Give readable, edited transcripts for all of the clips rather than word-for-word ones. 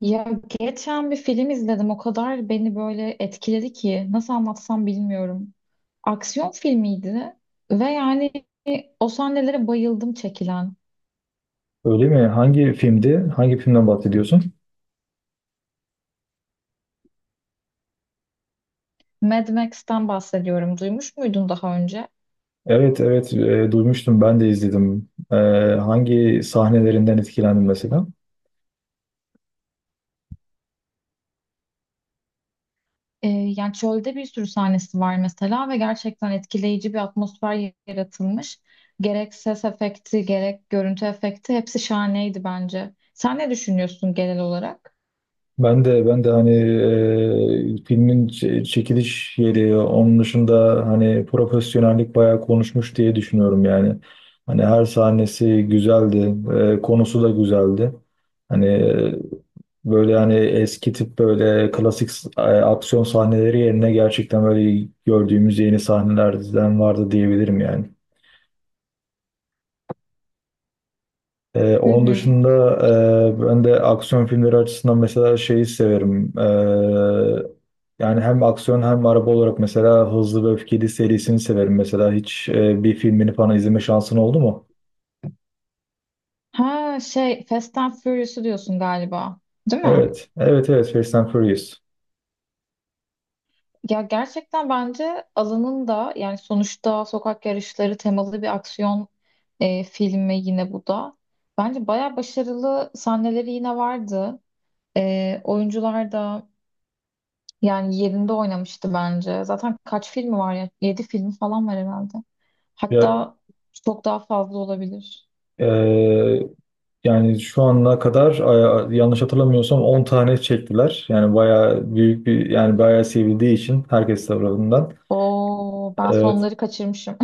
Ya geçen bir film izledim. O kadar beni böyle etkiledi ki nasıl anlatsam bilmiyorum. Aksiyon filmiydi ve yani o sahnelere bayıldım çekilen. Öyle mi? Hangi filmdi? Hangi filmden bahsediyorsun? Mad Max'ten bahsediyorum. Duymuş muydun daha önce? Evet, evet, duymuştum ben de izledim. Hangi sahnelerinden etkilendin mesela? Yani çölde bir sürü sahnesi var mesela ve gerçekten etkileyici bir atmosfer yaratılmış. Gerek ses efekti, gerek görüntü efekti hepsi şahaneydi bence. Sen ne düşünüyorsun genel olarak? Ben de hani filmin çekiliş yeri, onun dışında hani profesyonellik bayağı konuşmuş diye düşünüyorum yani. Hani her sahnesi güzeldi, konusu da güzeldi. Hani, böyle hani eski tip böyle klasik aksiyon sahneleri yerine gerçekten böyle gördüğümüz yeni sahnelerden vardı diyebilirim yani. Hı Onun hı. dışında ben de aksiyon filmleri açısından mesela şeyi severim. Yani hem aksiyon hem araba olarak mesela Hızlı ve Öfkeli serisini severim. Mesela hiç bir filmini falan izleme şansın oldu mu? Ha şey Fast and Furious'u diyorsun galiba. Değil mi? Evet, evet, evet. Fast and Furious. Ya gerçekten bence alanın da yani sonuçta sokak yarışları temalı bir aksiyon filmi yine bu da. Bence bayağı başarılı sahneleri yine vardı. Oyuncular da yani yerinde oynamıştı bence. Zaten kaç filmi var ya? 7 film falan var herhalde. Ya, Hatta çok daha fazla olabilir. e, yani şu ana kadar yanlış hatırlamıyorsam 10 tane çektiler. Yani bayağı büyük bir, yani bayağı sevildiği için herkes tarafından. Oo, ben Ee, sonları kaçırmışım.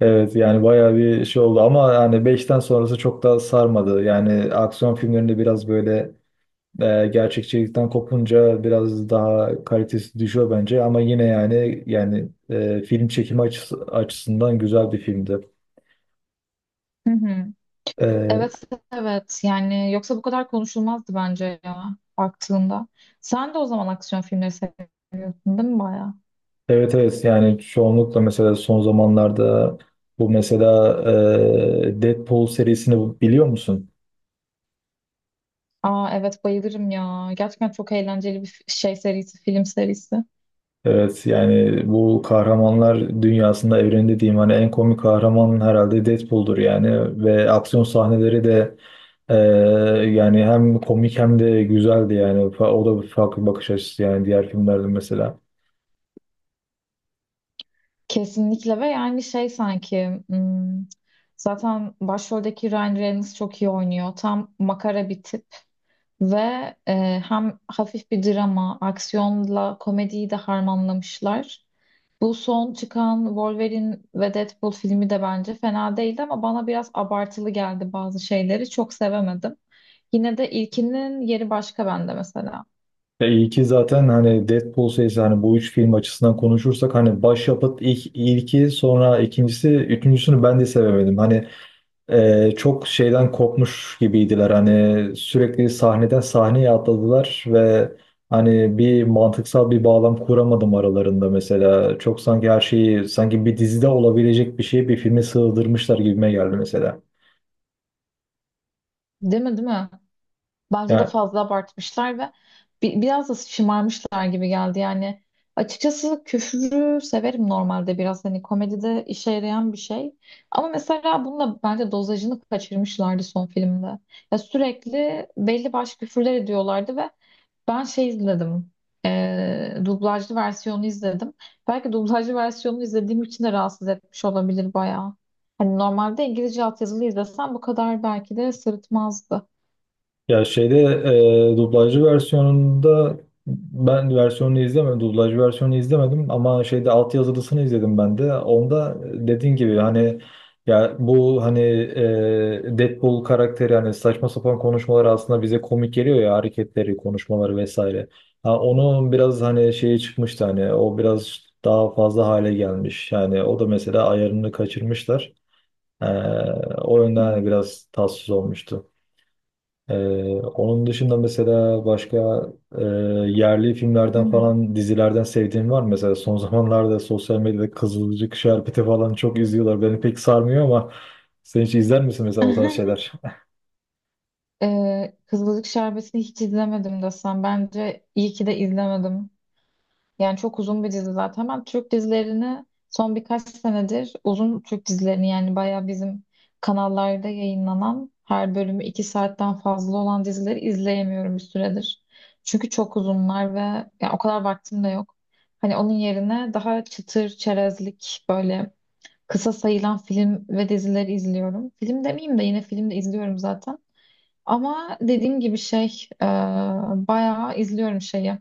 Evet, yani bayağı bir şey oldu ama yani beşten sonrası çok da sarmadı. Yani aksiyon filmlerinde biraz böyle gerçekçilikten kopunca biraz daha kalitesi düşüyor bence ama yine yani film çekimi açısından güzel bir filmdi. Hı hı. E, Evet evet, yani yoksa bu kadar konuşulmazdı bence ya baktığında. Sen de o zaman aksiyon filmleri seyrettin, değil mi, bayağı? evet, evet, yani çoğunlukla mesela son zamanlarda bu mesela Deadpool serisini biliyor musun? Aa evet, bayılırım ya. Gerçekten çok eğlenceli bir şey serisi, film serisi. Evet, yani bu kahramanlar dünyasında, evreni diyeyim, hani en komik kahraman herhalde Deadpool'dur yani. Ve aksiyon sahneleri de e, yani hem komik hem de güzeldi yani. O da bir farklı bakış açısı yani diğer filmlerden mesela. Kesinlikle ve yani şey sanki zaten başroldeki Ryan Reynolds çok iyi oynuyor. Tam makara bir tip ve hem hafif bir drama, aksiyonla komediyi de harmanlamışlar. Bu son çıkan Wolverine ve Deadpool filmi de bence fena değildi ama bana biraz abartılı geldi bazı şeyleri. Çok sevemedim. Yine de ilkinin yeri başka bende mesela. Ya iyi ki zaten hani Deadpool serisi hani bu üç film açısından konuşursak hani başyapıt ilki, sonra ikincisi, üçüncüsünü ben de sevemedim. Hani, çok şeyden kopmuş gibiydiler, hani sürekli sahneden sahneye atladılar ve hani bir mantıksal bir bağlam kuramadım aralarında, mesela çok sanki her şeyi, sanki bir dizide olabilecek bir şeyi bir filme sığdırmışlar gibime geldi mesela. Değil mi, değil mi? Bence de Yani, fazla abartmışlar ve biraz da şımarmışlar gibi geldi yani. Açıkçası küfürü severim normalde, biraz hani komedide işe yarayan bir şey. Ama mesela bununla bence dozajını kaçırmışlardı son filmde. Ya sürekli belli başlı küfürler ediyorlardı ve ben şey izledim. Dublajlı versiyonu izledim. Belki dublajlı versiyonunu izlediğim için de rahatsız etmiş olabilir bayağı. Hani normalde İngilizce altyazılı izlesem bu kadar belki de sırıtmazdı. ya şeyde, dublajlı versiyonunda, ben versiyonunu izlemedim. Dublajlı versiyonunu izlemedim ama şeyde altyazılısını izledim ben de. Onda, dediğin gibi hani, ya bu hani Deadpool karakteri hani saçma sapan konuşmaları aslında bize komik geliyor ya, hareketleri, konuşmaları vesaire. Ha, onun biraz hani şeyi çıkmıştı hani, o biraz daha fazla hale gelmiş. Yani o da mesela ayarını kaçırmışlar. E, O yönden Hı hani hı. biraz tatsız olmuştu. Ee, Onun dışında mesela başka e, yerli filmlerden Hı. falan, dizilerden sevdiğin var mı? Mesela son zamanlarda sosyal medyada Kızılcık, Şerbeti falan çok izliyorlar. Beni pek sarmıyor ama sen hiç izler misin mesela o tarz şeyler? Kızılcık Şerbeti'ni hiç izlemedim desem. Bence iyi ki de izlemedim. Yani çok uzun bir dizi zaten. Ben Türk dizilerini son birkaç senedir, uzun Türk dizilerini yani, bayağı bizim kanallarda yayınlanan her bölümü 2 saatten fazla olan dizileri izleyemiyorum bir süredir. Çünkü çok uzunlar ve yani o kadar vaktim de yok. Hani onun yerine daha çıtır çerezlik böyle kısa sayılan film ve dizileri izliyorum. Film demeyeyim de, yine film de izliyorum zaten. Ama dediğim gibi, şey bayağı izliyorum şeyi.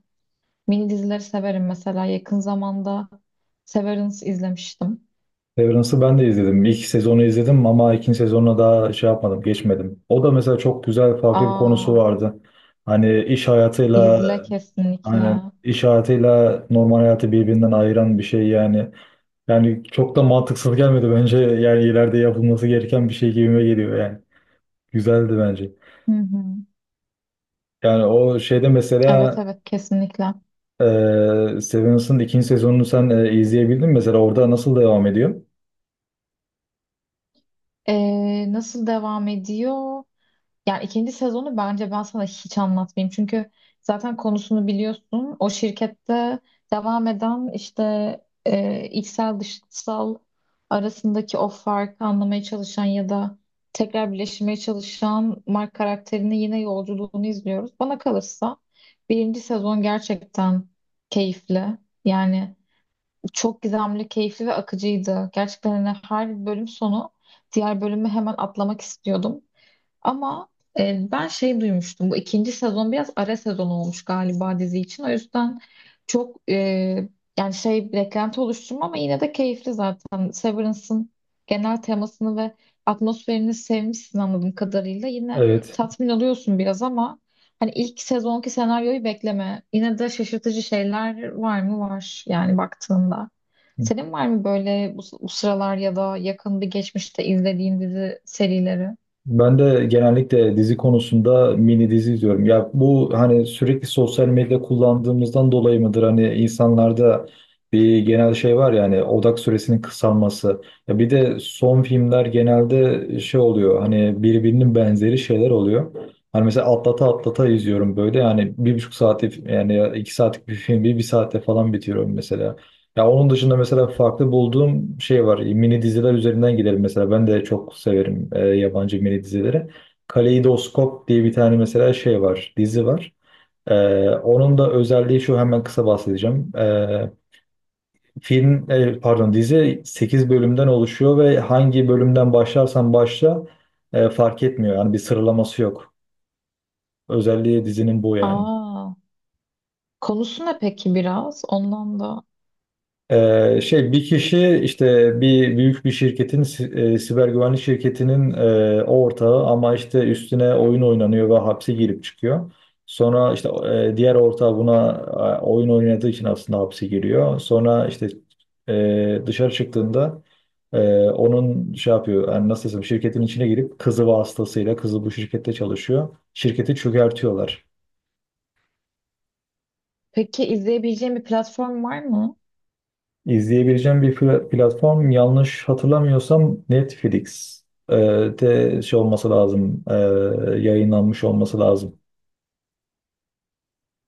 Mini dizileri severim mesela. Yakın zamanda Severance izlemiştim. Severance'ı ben de izledim. İlk sezonu izledim ama ikinci sezonuna daha şey yapmadım, geçmedim. O da mesela çok güzel, farklı bir konusu Aa, vardı. Hani iş hayatıyla izle Aynen, kesinlikle. iş hayatıyla normal hayatı birbirinden ayıran bir şey yani. Yani çok da mantıksız gelmedi bence. Yani ileride yapılması gereken bir şey gibime geliyor yani. Güzeldi bence. Hı hı. Yani o şeyde Evet mesela, evet, kesinlikle. Ee, Severance'ın ikinci sezonunu sen izleyebildin mi? Mesela orada nasıl devam ediyor? Nasıl devam ediyor? Yani ikinci sezonu bence ben sana hiç anlatmayayım. Çünkü zaten konusunu biliyorsun. O şirkette devam eden işte içsel dışsal arasındaki o farkı anlamaya çalışan ya da tekrar birleşmeye çalışan Mark karakterinin yine yolculuğunu izliyoruz. Bana kalırsa birinci sezon gerçekten keyifli. Yani çok gizemli, keyifli ve akıcıydı. Gerçekten hani her bölüm sonu diğer bölümü hemen atlamak istiyordum. Ama ben şey duymuştum. Bu ikinci sezon biraz ara sezon olmuş galiba dizi için. O yüzden çok yani şey beklenti oluşturma ama yine de keyifli zaten. Severance'ın genel temasını ve atmosferini sevmişsin anladığım kadarıyla. Yine Evet. tatmin oluyorsun biraz ama hani ilk sezonki senaryoyu bekleme. Yine de şaşırtıcı şeyler var mı? Var yani baktığında. Senin var mı böyle bu sıralar ya da yakın bir geçmişte izlediğin dizi serileri? Ben de genellikle dizi konusunda mini dizi izliyorum. Ya bu hani sürekli sosyal medya kullandığımızdan dolayı mıdır? Hani insanlarda bir genel şey var ya, hani odak süresinin kısalması. Ya bir de son filmler genelde şey oluyor. Hani birbirinin benzeri şeyler oluyor. Hani mesela atlata atlata izliyorum böyle. Yani 1,5 saati, yani 2 saatlik bir film bir saatte falan bitiriyorum mesela. Ya onun dışında mesela farklı bulduğum şey var. Mini diziler üzerinden gidelim mesela. Ben de çok severim yabancı mini dizileri. Kaleidoskop diye bir tane mesela şey var, dizi var. Onun da özelliği şu, hemen kısa bahsedeceğim. Film, pardon, dizi 8 bölümden oluşuyor ve hangi bölümden başlarsan başla fark etmiyor. Yani bir sıralaması yok. Özelliği dizinin bu yani. Aa. Konusu ne peki biraz? Ondan da. Şey, bir kişi işte bir büyük bir şirketin, siber güvenlik şirketinin ortağı, ama işte üstüne oyun oynanıyor ve hapse girip çıkıyor. Sonra işte diğer ortağı buna oyun oynadığı için aslında hapse giriyor. Sonra işte dışarı çıktığında onun şey yapıyor, yani nasıl desem, şirketin içine girip kızı vasıtasıyla, kızı bu şirkette çalışıyor. Şirketi çökertiyorlar. Peki izleyebileceğim bir platform var mı? İzleyebileceğim bir platform, yanlış hatırlamıyorsam Netflix e, de şey olması lazım, yayınlanmış olması lazım.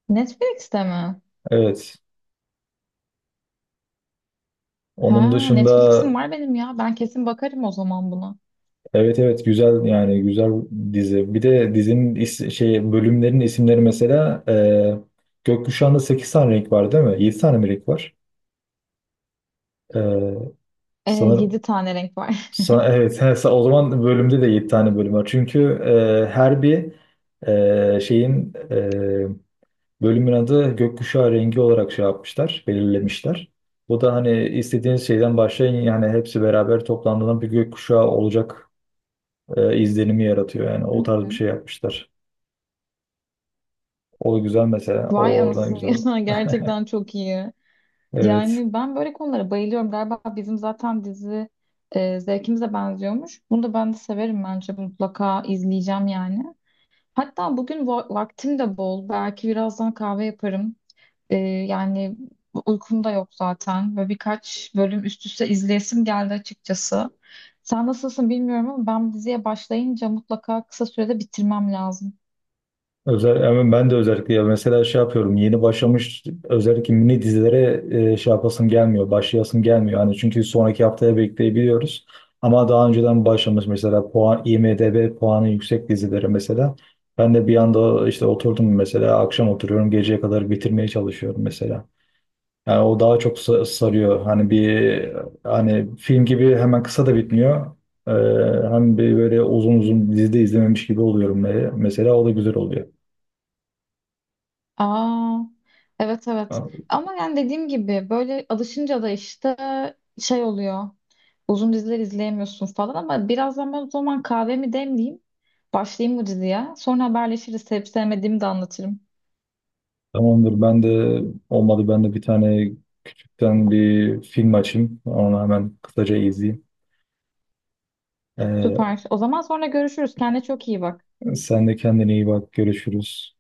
Netflix'te mi? Evet. Onun Ha, dışında Netflix'im var benim ya. Ben kesin bakarım o zaman buna. evet, evet, güzel yani güzel dizi. Bir de dizinin şey, bölümlerin isimleri mesela, Gökkuşağı'nda 8 tane renk var değil mi? 7 tane mi renk var? E, Sanırım, 7 tane renk var. Evet, he, o zaman bölümde de 7 tane bölüm var. Çünkü her bir şeyin, bölümün adı gökkuşağı rengi olarak şey yapmışlar, belirlemişler. Bu da hani istediğiniz şeyden başlayın, yani hepsi beraber toplandığında bir gökkuşağı olacak izlenimi yaratıyor. Yani Hı o tarz bir hı. şey yapmışlar. O güzel mesela. Vay O oradan anasını, güzel. ya gerçekten çok iyi. Evet. Yani ben böyle konulara bayılıyorum. Galiba bizim zaten dizi zevkimize benziyormuş. Bunu da ben de severim, bence mutlaka izleyeceğim yani. Hatta bugün vaktim de bol. Belki birazdan kahve yaparım. Yani uykum da yok zaten. Böyle birkaç bölüm üst üste izleyesim geldi açıkçası. Sen nasılsın bilmiyorum ama ben diziye başlayınca mutlaka kısa sürede bitirmem lazım. Yani ben de özellikle, ya mesela şey yapıyorum, yeni başlamış özellikle mini dizilere şey yapasım gelmiyor, başlayasım gelmiyor hani, çünkü sonraki haftaya bekleyebiliyoruz, ama daha önceden başlamış mesela IMDb puanı yüksek dizileri mesela, ben de bir anda işte oturdum mesela, akşam oturuyorum, geceye kadar bitirmeye çalışıyorum mesela, yani o daha çok sarıyor hani, bir hani film gibi hemen kısa da bitmiyor. Ee, hem bir böyle uzun uzun dizide izlememiş gibi oluyorum, mesela o da güzel oluyor. Aa, evet evet. Ama yani dediğim gibi böyle alışınca da işte şey oluyor. Uzun diziler izleyemiyorsun falan, ama birazdan ben o zaman kahvemi demleyeyim. Başlayayım bu diziye. Sonra haberleşiriz. Sevip sevmediğimi de anlatırım. Tamamdır. Ben de, olmadı, ben de bir tane küçükten bir film açayım. Onu hemen kısaca izleyeyim. Ee, Süper. O zaman sonra görüşürüz. Kendine çok iyi bak. sen de kendine iyi bak. Görüşürüz.